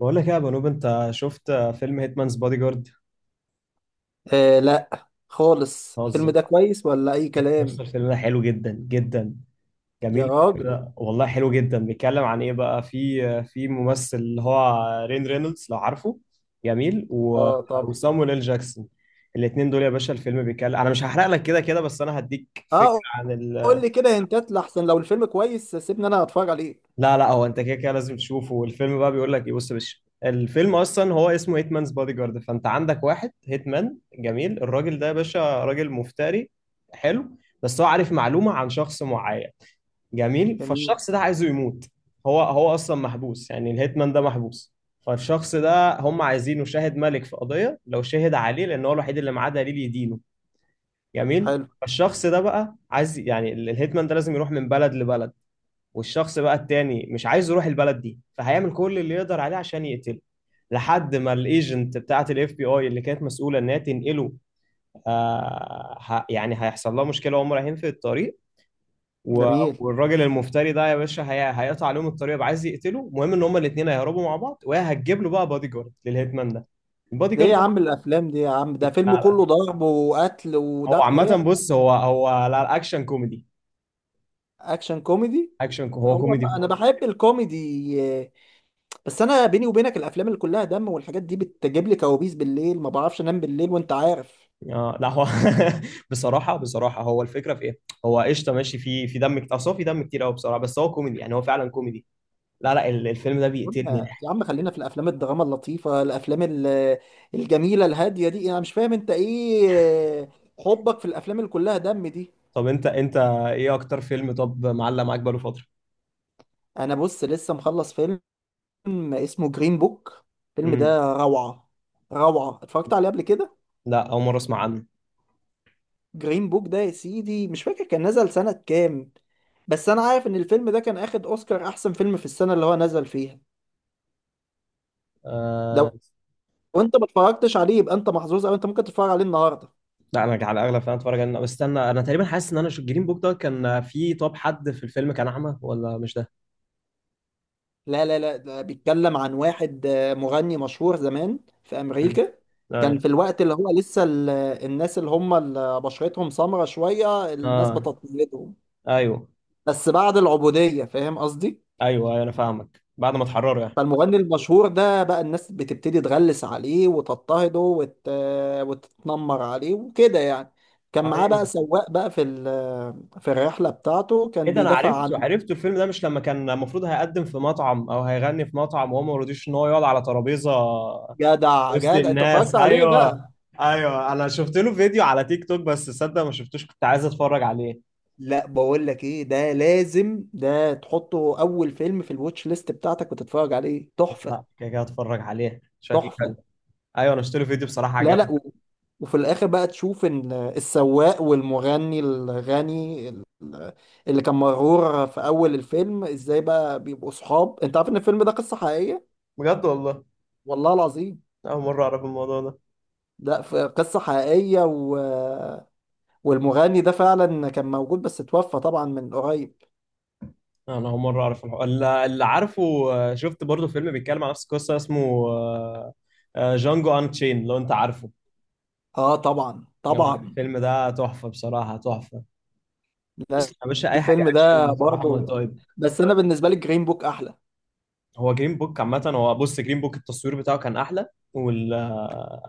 بقول لك إيه يا بنوب، انت شفت فيلم هيتمانز بادي جارد؟ لا خالص، الفيلم هزر. ده كويس ولا اي بس كلام؟ الفيلم ده حلو جدا جدا، يا جميل راجل. كده والله، حلو جدا. بيتكلم عن ايه بقى؟ في ممثل اللي هو رين رينولدز، لو عارفه. جميل اه طبعا. وسامويل ال جاكسون، الاثنين دول يا باشا. الفيلم بيتكلم، انا مش هحرق لك كده كده، بس انا هديك فكره اه عن قول لي كده هنتات لحسن، لو الفيلم كويس سيبني انا اتفرج عليه. لا لا، هو انت كده كده لازم تشوفه. والفيلم بقى بيقول لك ايه؟ بص يا باشا، الفيلم اصلا هو اسمه هيتمانز بادي جارد، فانت عندك واحد هيتمان. جميل، الراجل ده يا باشا راجل مفتري، حلو. بس هو عارف معلومه عن شخص معين. جميل، جميل. فالشخص ده عايزه يموت. هو اصلا محبوس، يعني الهيتمان ده محبوس. فالشخص ده هم عايزينه شاهد ملك في قضيه، لو شهد عليه، لان هو الوحيد اللي معاه دليل يدينه. جميل، حلو. فالشخص ده بقى عايز يعني الهيتمان ده لازم يروح من بلد لبلد. والشخص بقى التاني مش عايز يروح البلد دي، فهيعمل كل اللي يقدر عليه عشان يقتله، لحد ما الايجنت بتاعه الاف بي اي اللي كانت مسؤوله انها تنقله. يعني هيحصل لها مشكله وهم رايحين في الطريق. و- جميل. والراجل المفتري ده يا باشا هيقطع عليهم الطريق، يبقى عايز يقتله. المهم ان هما الاثنين هيهربوا مع بعض، وهي هتجيب له بقى بادي جارد للهيتمان ده، البادي ليه جارد يا ده. عم الافلام دي يا عم، لا، ده فيلم كله لا. ضرب وقتل هو وذبح ايه؟ عامه، بص، هو لا اكشن كوميدي، اكشن كوميدي. اكشن هو هو والله كوميدي. انا بحب الكوميدي. بس انا بيني وبينك الافلام اللي كلها دم والحاجات دي بتجيب لي كوابيس بالليل، ما بعرفش انام بالليل وانت عارف. اه لا هو، بصراحه بصراحه هو الفكره في ايه، هو قشطه، ماشي، في دم كتير، اصل هو في دم كتير قوي بصراحه، بس هو كوميدي، يعني هو فعلا كوميدي. لا لا، الفيلم ده بيقتلني قلنا يا ضحك. عم خلينا في الافلام الدراما اللطيفه، الافلام الجميله الهاديه دي، انا مش فاهم انت ايه حبك في الافلام اللي كلها دم دي. طب انت ايه اكتر فيلم طب معلق معاك بقاله فتره؟ انا بص لسه مخلص فيلم اسمه جرين بوك، الفيلم امم. ده روعه. روعه، اتفرجت عليه قبل كده. لا، اول مره اسمع عنه. جرين بوك ده يا سيدي مش فاكر كان نزل سنه كام، بس انا عارف ان الفيلم ده كان اخد اوسكار احسن فيلم في السنه اللي هو نزل فيها. آه لو انت ما اتفرجتش عليه يبقى انت محظوظ، او انت ممكن تتفرج عليه النهارده. لا، انا على الاغلب فعلا اتفرج عليه، بس استنى، انا تقريبا حاسس ان انا جرين بوك ده كان في، طب حد في الفيلم كان اعمى ولا مش ده؟ لا لا لا، ده بيتكلم عن واحد، مغني مشهور زمان في امم. أمريكا. كان ايوه. في الوقت اللي هو لسه الناس اللي هم اللي بشرتهم سمرة شوية الناس اه. بتضطهدهم. ايوه بس بعد العبودية، فاهم قصدي؟ ايوه ايوه انا فاهمك، بعد ما اتحرروا يعني. فالمغني المشهور ده بقى الناس بتبتدي تغلس عليه وتضطهده وتتنمر عليه وكده يعني. كان معاه بقى ايوه. سواق بقى في في الرحلة بتاعته، ايه كان ده، انا بيدافع عرفته عنه. عرفته الفيلم ده. مش لما كان المفروض هيقدم في مطعم، او هيغني في مطعم، وهو ما رضيش ان هو يقعد على ترابيزه جدع وسط جدع، انت الناس؟ اتفرجت عليه. ايوه. ايوه، انا شفت له فيديو على تيك توك، بس تصدق ما شفتوش، كنت عايز اتفرج عليه. لا بقول لك ايه، ده لازم ده تحطه اول فيلم في الواتش ليست بتاعتك وتتفرج عليه، تحفة. لا كده كده اتفرج عليه، شكله حلو. تحفة. ايوه انا شفت له فيديو بصراحه، لا عجبني. لا وفي الاخر بقى تشوف ان السواق والمغني الغني اللي كان مرور في اول الفيلم، ازاي بقى بيبقوا صحاب. انت عارف ان الفيلم ده قصة حقيقية. بجد والله؟ والله العظيم. اول مره اعرف الموضوع ده. ده قصة حقيقية والمغني ده فعلا كان موجود، بس اتوفى طبعا من قريب. انا اول مره اعرف الحوار اللي عارفه. شفت برضو فيلم بيتكلم على نفس القصه، اسمه آه، جانجو ان تشين، لو انت عارفه. اه طبعا طبعا. الفيلم ده تحفه بصراحه، تحفه. بص لا، يا باشا، اي حاجه الفيلم اكشن ده بصراحه، ما برضه، طيب. بس انا بالنسبه لي جرين بوك احلى. هو جرين بوك عامه، هو، بص، جرين بوك التصوير بتاعه كان احلى، وال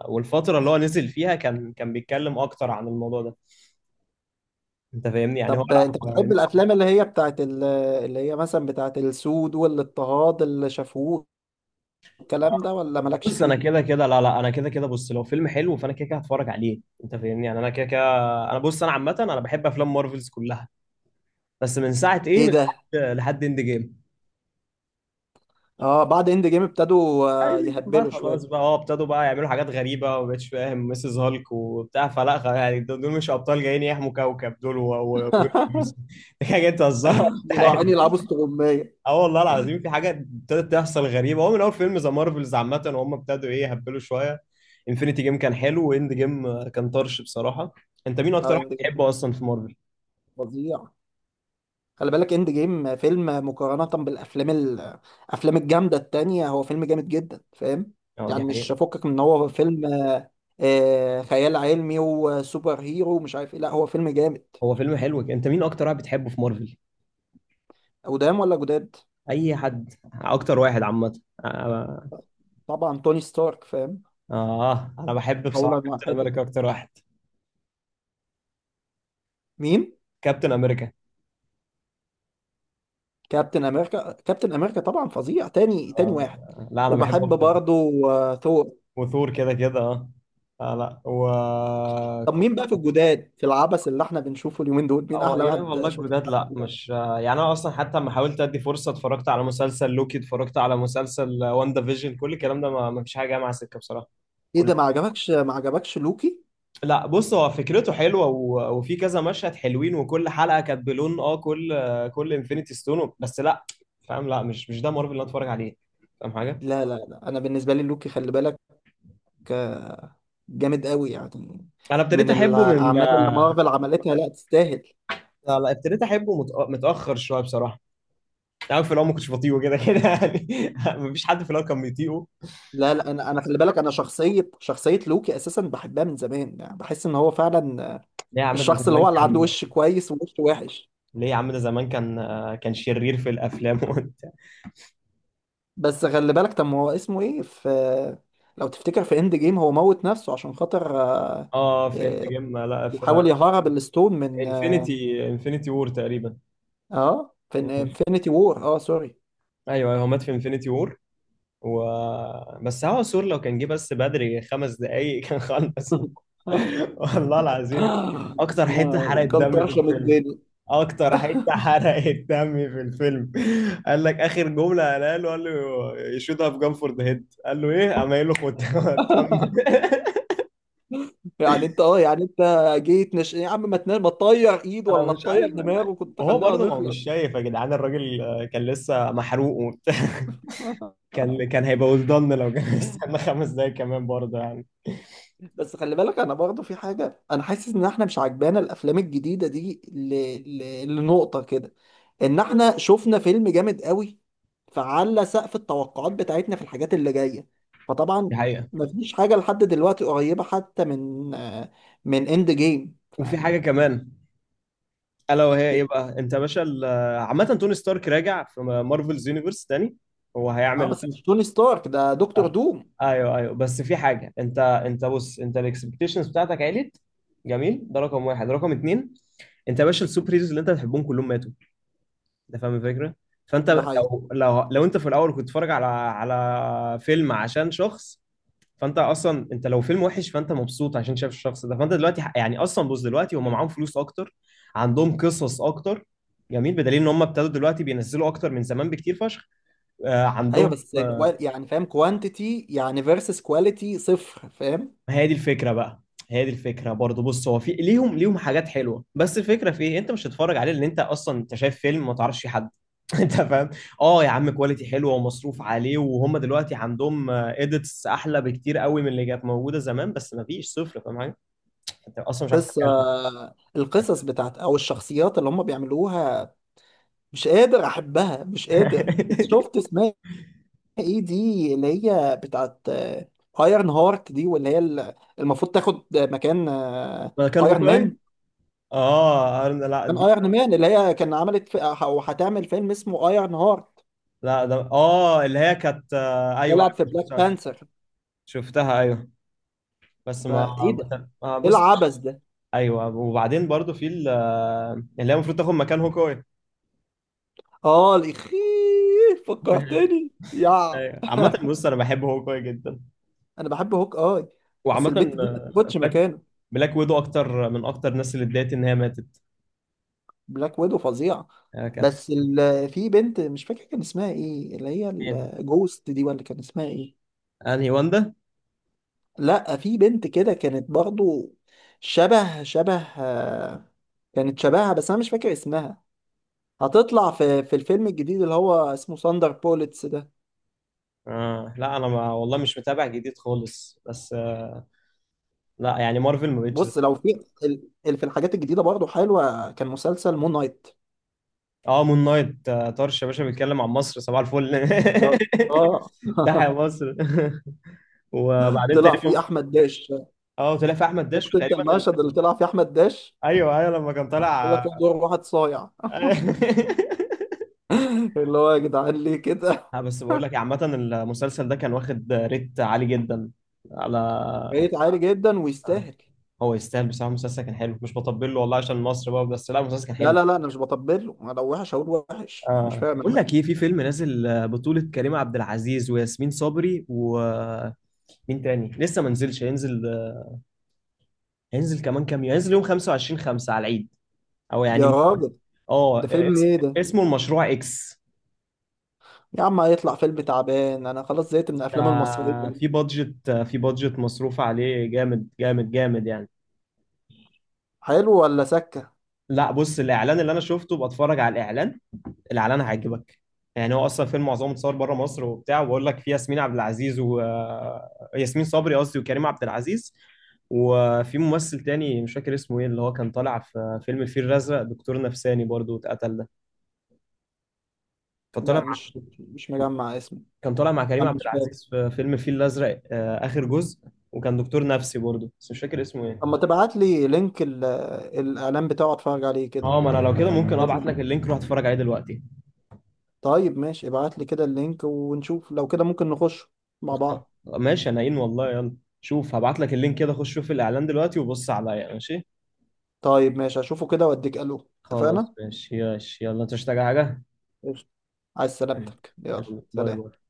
والفتره اللي هو نزل فيها كان بيتكلم اكتر عن الموضوع ده. انت فاهمني يعني، هو طب لا انت بتحب يعني. الافلام اللي هي بتاعت اللي هي مثلا بتاعت السود والاضطهاد اللي شافوه الكلام ده ولا مالكش بص انا فيه؟ كده كده، لا لا، انا كده كده، بص، لو فيلم حلو فانا كده كده هتفرج عليه، انت فاهمني يعني، انا كده كده. انا بص، انا عامه انا بحب افلام مارفلز كلها، بس من ساعه ايه، ايه من ده. لحد اند جيم. اه بعد اند جيم ابتدوا آه، بقى يهبلوا شويه. خلاص بقى، هو ابتدوا بقى يعملوا حاجات غريبة، وما بقتش فاهم ميسيس هالك وبتاع فلا يعني دول، مش أبطال جايين يحموا كوكب، دول دي حاجة تهزرها مش عارف. عيني يلعبوا استغمايه. اه والله العظيم، في حاجة ابتدت تحصل غريبة، هو من أول فيلم ذا مارفلز عامة، وهم ابتدوا إيه، يهبلوا شوية. انفينيتي جيم كان حلو، واند جيم كان طرش بصراحة. أنت مين اه أكتر واحد اند جيم بتحبه أصلا في مارفل؟ فظيع. خلي بالك اند جيم فيلم، مقارنة بالافلام الافلام الجامدة التانية هو فيلم جامد جدا، فاهم؟ أه دي يعني مش حقيقة. فكك من ان هو فيلم، خيال علمي وسوبر هيرو ومش عارف ايه، لا هو فيلم جامد. هو فيلم حلو. أنت مين أكتر واحد بتحبه في مارفل؟ قدام ولا جداد؟ أي حد، أكتر واحد عامة. آه، طبعا توني ستارك، فاهم. اه انا بحب اولا بصراحه كابتن واحدا. امريكا، اكتر واحد. مين؟ كابتن امريكا. كابتن امريكا. كابتن امريكا طبعا فظيع. تاني واحد، لا انا بحبه وبحب اكتر. برضه، ثور. وثور كده كده اه. آه، لا و طب مين كنت- بقى في الجداد، في العبث اللي احنا بنشوفه اليومين دول، مين هو احلى يا واحد والله، شفته؟ الجداد لا مش، يعني انا اصلا، حتى لما حاولت ادي فرصه، اتفرجت على مسلسل لوكي، اتفرجت على مسلسل واندا فيجن، كل الكلام ده ما فيش حاجه جايه مع سكه بصراحه، ايه كله. ده ما عجبكش؟ ما عجبكش لوكي؟ لا بص هو فكرته حلوه وفي كذا مشهد حلوين، وكل حلقه كانت بلون، اه كل، كل انفينيتي ستون، بس لا. فاهم، لا مش ده مارفل اللي انا اتفرج عليه، فاهم حاجه. لا لا لا، انا بالنسبه لي لوكي خلي بالك آه، جامد قوي يعني، انا ابتديت من احبه من، الاعمال اللي مارفل عملتها لا تستاهل. لا لا، ابتديت احبه متاخر شويه بصراحه. انت عارف في الاول ما كنتش بطيئه كده كده يعني. مفيش حد في الاول كان بيطيقه. لا لا، انا خلي بالك، انا شخصيه شخصيه لوكي اساسا بحبها من زمان، يعني بحس ان هو فعلا ليه يا عم، ده الشخص اللي هو زمان اللي عنده كان، وش كويس ووش وحش. ليه يا عم، ده زمان كان كان شرير في الافلام، وانت. بس خلي بالك، طب ما هو اسمه ايه؟ في، لو تفتكر في اند جيم هو موت نفسه عشان خاطر، اه في اند آه، جيم، لا في بيحاول يهرب الستون من اه انفينيتي وور تقريبا. آه، في مم. انفينيتي وور، اه سوري. ايوه ايوه، هو مات في انفينيتي وور و بس هو سور، لو كان جه بس بدري خمس دقايق كان خلص. والله العظيم. آه، اكتر حته حرقت كان دم في طرشم الفيلم، الدنيا. اكتر حته حرقت دم في الفيلم قال لك اخر جمله قالها له، قال له يشوتها في جام فور ذا هيد، قال له ايه، قام قايل له خد. كمل، يعني انت اه، يعني انت جيت يا عم ما تنام، ما تطير ايد انا ولا مش تطير عارف انا. دماغه، كنت وهو خلينا برضه، ما هو مش نخلص. شايف يا جدعان الراجل، كان لسه محروق وبتاع، كان هيبقى ولدان لو كان استنى خمس دقايق كمان برضه يعني. بس خلي بالك، انا برضه في حاجه، انا حاسس ان احنا مش عجبانا الافلام الجديده دي لنقطه كده، ان احنا شفنا فيلم جامد قوي، فعلى سقف التوقعات بتاعتنا في الحاجات اللي جايه دي فطبعا حقيقة. مفيش حاجه لحد دلوقتي قريبه حتى من، من اند جيم. وفي حاجة كمان، الا وهي ايه بقى، انت يا باشا عامه توني ستارك راجع في مارفلز يونيفرس تاني، هو اه هيعمل. بس مش توني ستارك، ده دكتور دوم. ايوه ايوه، بس في حاجه، انت بص، انت الاكسبكتيشنز بتاعتك عالت، جميل، ده رقم واحد. رقم اتنين، انت يا باشا السوبر هيروز اللي انت بتحبهم كلهم ماتوا، انت فاهم الفكره. ده فانت حقيقي. لو لو انت في الاول كنت بتتفرج على فيلم عشان شخص، فانت اصلا، انت لو فيلم وحش فانت مبسوط عشان شايف الشخص ده. فانت دلوقتي يعني اصلا، بص، دلوقتي هم معاهم فلوس اكتر، عندهم قصص اكتر، جميل، بدليل ان هم ابتدوا دلوقتي بينزلوا اكتر من زمان بكتير فشخ. آه ايوه عندهم. بس آه، يعني فاهم كوانتيتي يعني فيرسس كواليتي صفر، فاهم. هي دي الفكره بقى، هي دي الفكره برضه. بص هو في ليهم حاجات حلوه، بس الفكره في ايه، انت مش هتتفرج عليه لان انت اصلا، انت شايف فيلم ما تعرفش فيه حد. انت فاهم. اه يا عم، كواليتي حلوه ومصروف عليه، وهم دلوقتي عندهم اديتس احلى بكتير قوي من اللي كانت موجوده زمان، بس ما فيش صفر فاهم حاجه، انت اصلا مش عارف قصة، تتكلم. القصص بتاعت او الشخصيات اللي هم بيعملوها مش قادر احبها، مش قادر. شفت اسمها ايه دي اللي هي بتاعت ايرن هارت دي، واللي هي المفروض تاخد مكان ما كان ايرون مان. هوكاي. اه لا كان دي، ايرون مان اللي هي كان او هتعمل فيلم اسمه ايرون هارت، لا ده اه، اللي هي كانت، ايوه، طلعت في بلاك شفتها شفتها، بانثر شفتها، ايوه. بس ما فايه ده. ما ايه بص، العبث ده. ايوه، وبعدين برضو في اللي هي المفروض تاخد مكان هوكاي. اه الاخيه، فكرتني يا. ايوه عامة بص، انا بحب هوكاي جدا، انا بحب هوك اي، بس وعامة، البت دي ما تاخدش بلاك، مكانه. بلاك ويدو اكتر، من اكتر الناس اللي اتضايقت ان هي ماتت. بلاك ويدو فظيع. كانت. بس في بنت مش فاكر كان اسمها ايه اللي هي مين؟ الجوست دي، ولا كان اسمها ايه. انهي واندا؟ لا في بنت كده كانت برضو شبه شبه، كانت شبهها، بس انا مش فاكر اسمها. هتطلع في في الفيلم الجديد اللي هو اسمه ساندر بوليتس ده. آه لا، انا ما والله مش متابع جديد خالص بس، لا يعني، مارفل ما بقتش زي بص لو الأول. في في الحاجات الجديدة برضو حلوة، كان مسلسل مون نايت. اه مون نايت، طرش يا باشا، بيتكلم عن مصر، صباح الفل. اه. تحيا مصر. وبعدين طلع فيه تقريبا، احمد داش. اه طلع في احمد داش شفت انت تقريبا المشهد اللي طلع فيه احمد داش؟ ايوه ايوه، لما كان قال طالع. لك هو دور واحد صايع. اللي هو يا جدعان ليه كده. ها، بس بقول لك إيه، عامة المسلسل ده كان واخد ريت عالي جدا، على. ريت عالي جدا ويستاهل. هو يستاهل بصراحة، المسلسل كان حلو، مش بطبل له والله عشان مصر بقى، بس لا المسلسل كان لا حلو. لا لا، انا مش بطبل له، انا لو وحش هقول وحش، انا مش آه. فاهم. بقول لك ايه، في فيلم نازل، بطولة كريم عبد العزيز وياسمين صبري، ومين تاني، لسه ما نزلش، هينزل، هينزل كمان كام يوم، هينزل يوم 25/5 على العيد، او يا يعني، راجل. اه ده فيلم ايه ده؟ اسمه المشروع اكس. يا عم هيطلع فيلم تعبان، انا خلاص زهقت من ده الافلام المصريه في دي. بادجت، مصروف عليه جامد جامد جامد يعني. حلو ولا سكه؟ لا بص الاعلان اللي انا شفته، بتفرج على الاعلان، الاعلان هيعجبك. يعني هو اصلا فيلم معظمه اتصور بره مصر وبتاع، وبقول لك في ياسمين عبد العزيز و ياسمين صبري قصدي، وكريم عبد العزيز، وفي ممثل تاني مش فاكر اسمه ايه، اللي هو كان طالع في فيلم الفيل الازرق، دكتور نفساني برضو، اتقتل ده، لا فطالع، مش مش مجمع اسمه. كان طالع مع كريم انا عبد مش فاكر. العزيز في فيلم الفيل الازرق، اخر جزء، وكان دكتور نفسي برضه، بس مش فاكر اسمه ايه. اما تبعت لي لينك الاعلان بتاعه اتفرج عليه كده. اه، ما انا لو كده ممكن ابعت عشان، لك اللينك، روح اتفرج عليه دلوقتي. طيب ماشي، ابعت لي كده اللينك ونشوف لو كده ممكن نخش مع بعض. ماشي، انا إن والله، يلا شوف، هبعت لك اللينك كده، خش شوف الاعلان دلوقتي وبص عليا، ماشي. طيب ماشي هشوفه كده واديك الو، خلاص اتفقنا. ماشي ياش، يلا انت مش محتاج حاجه؟ قشطة. عايز سلامتك، يلا يلا باي سلام. باي.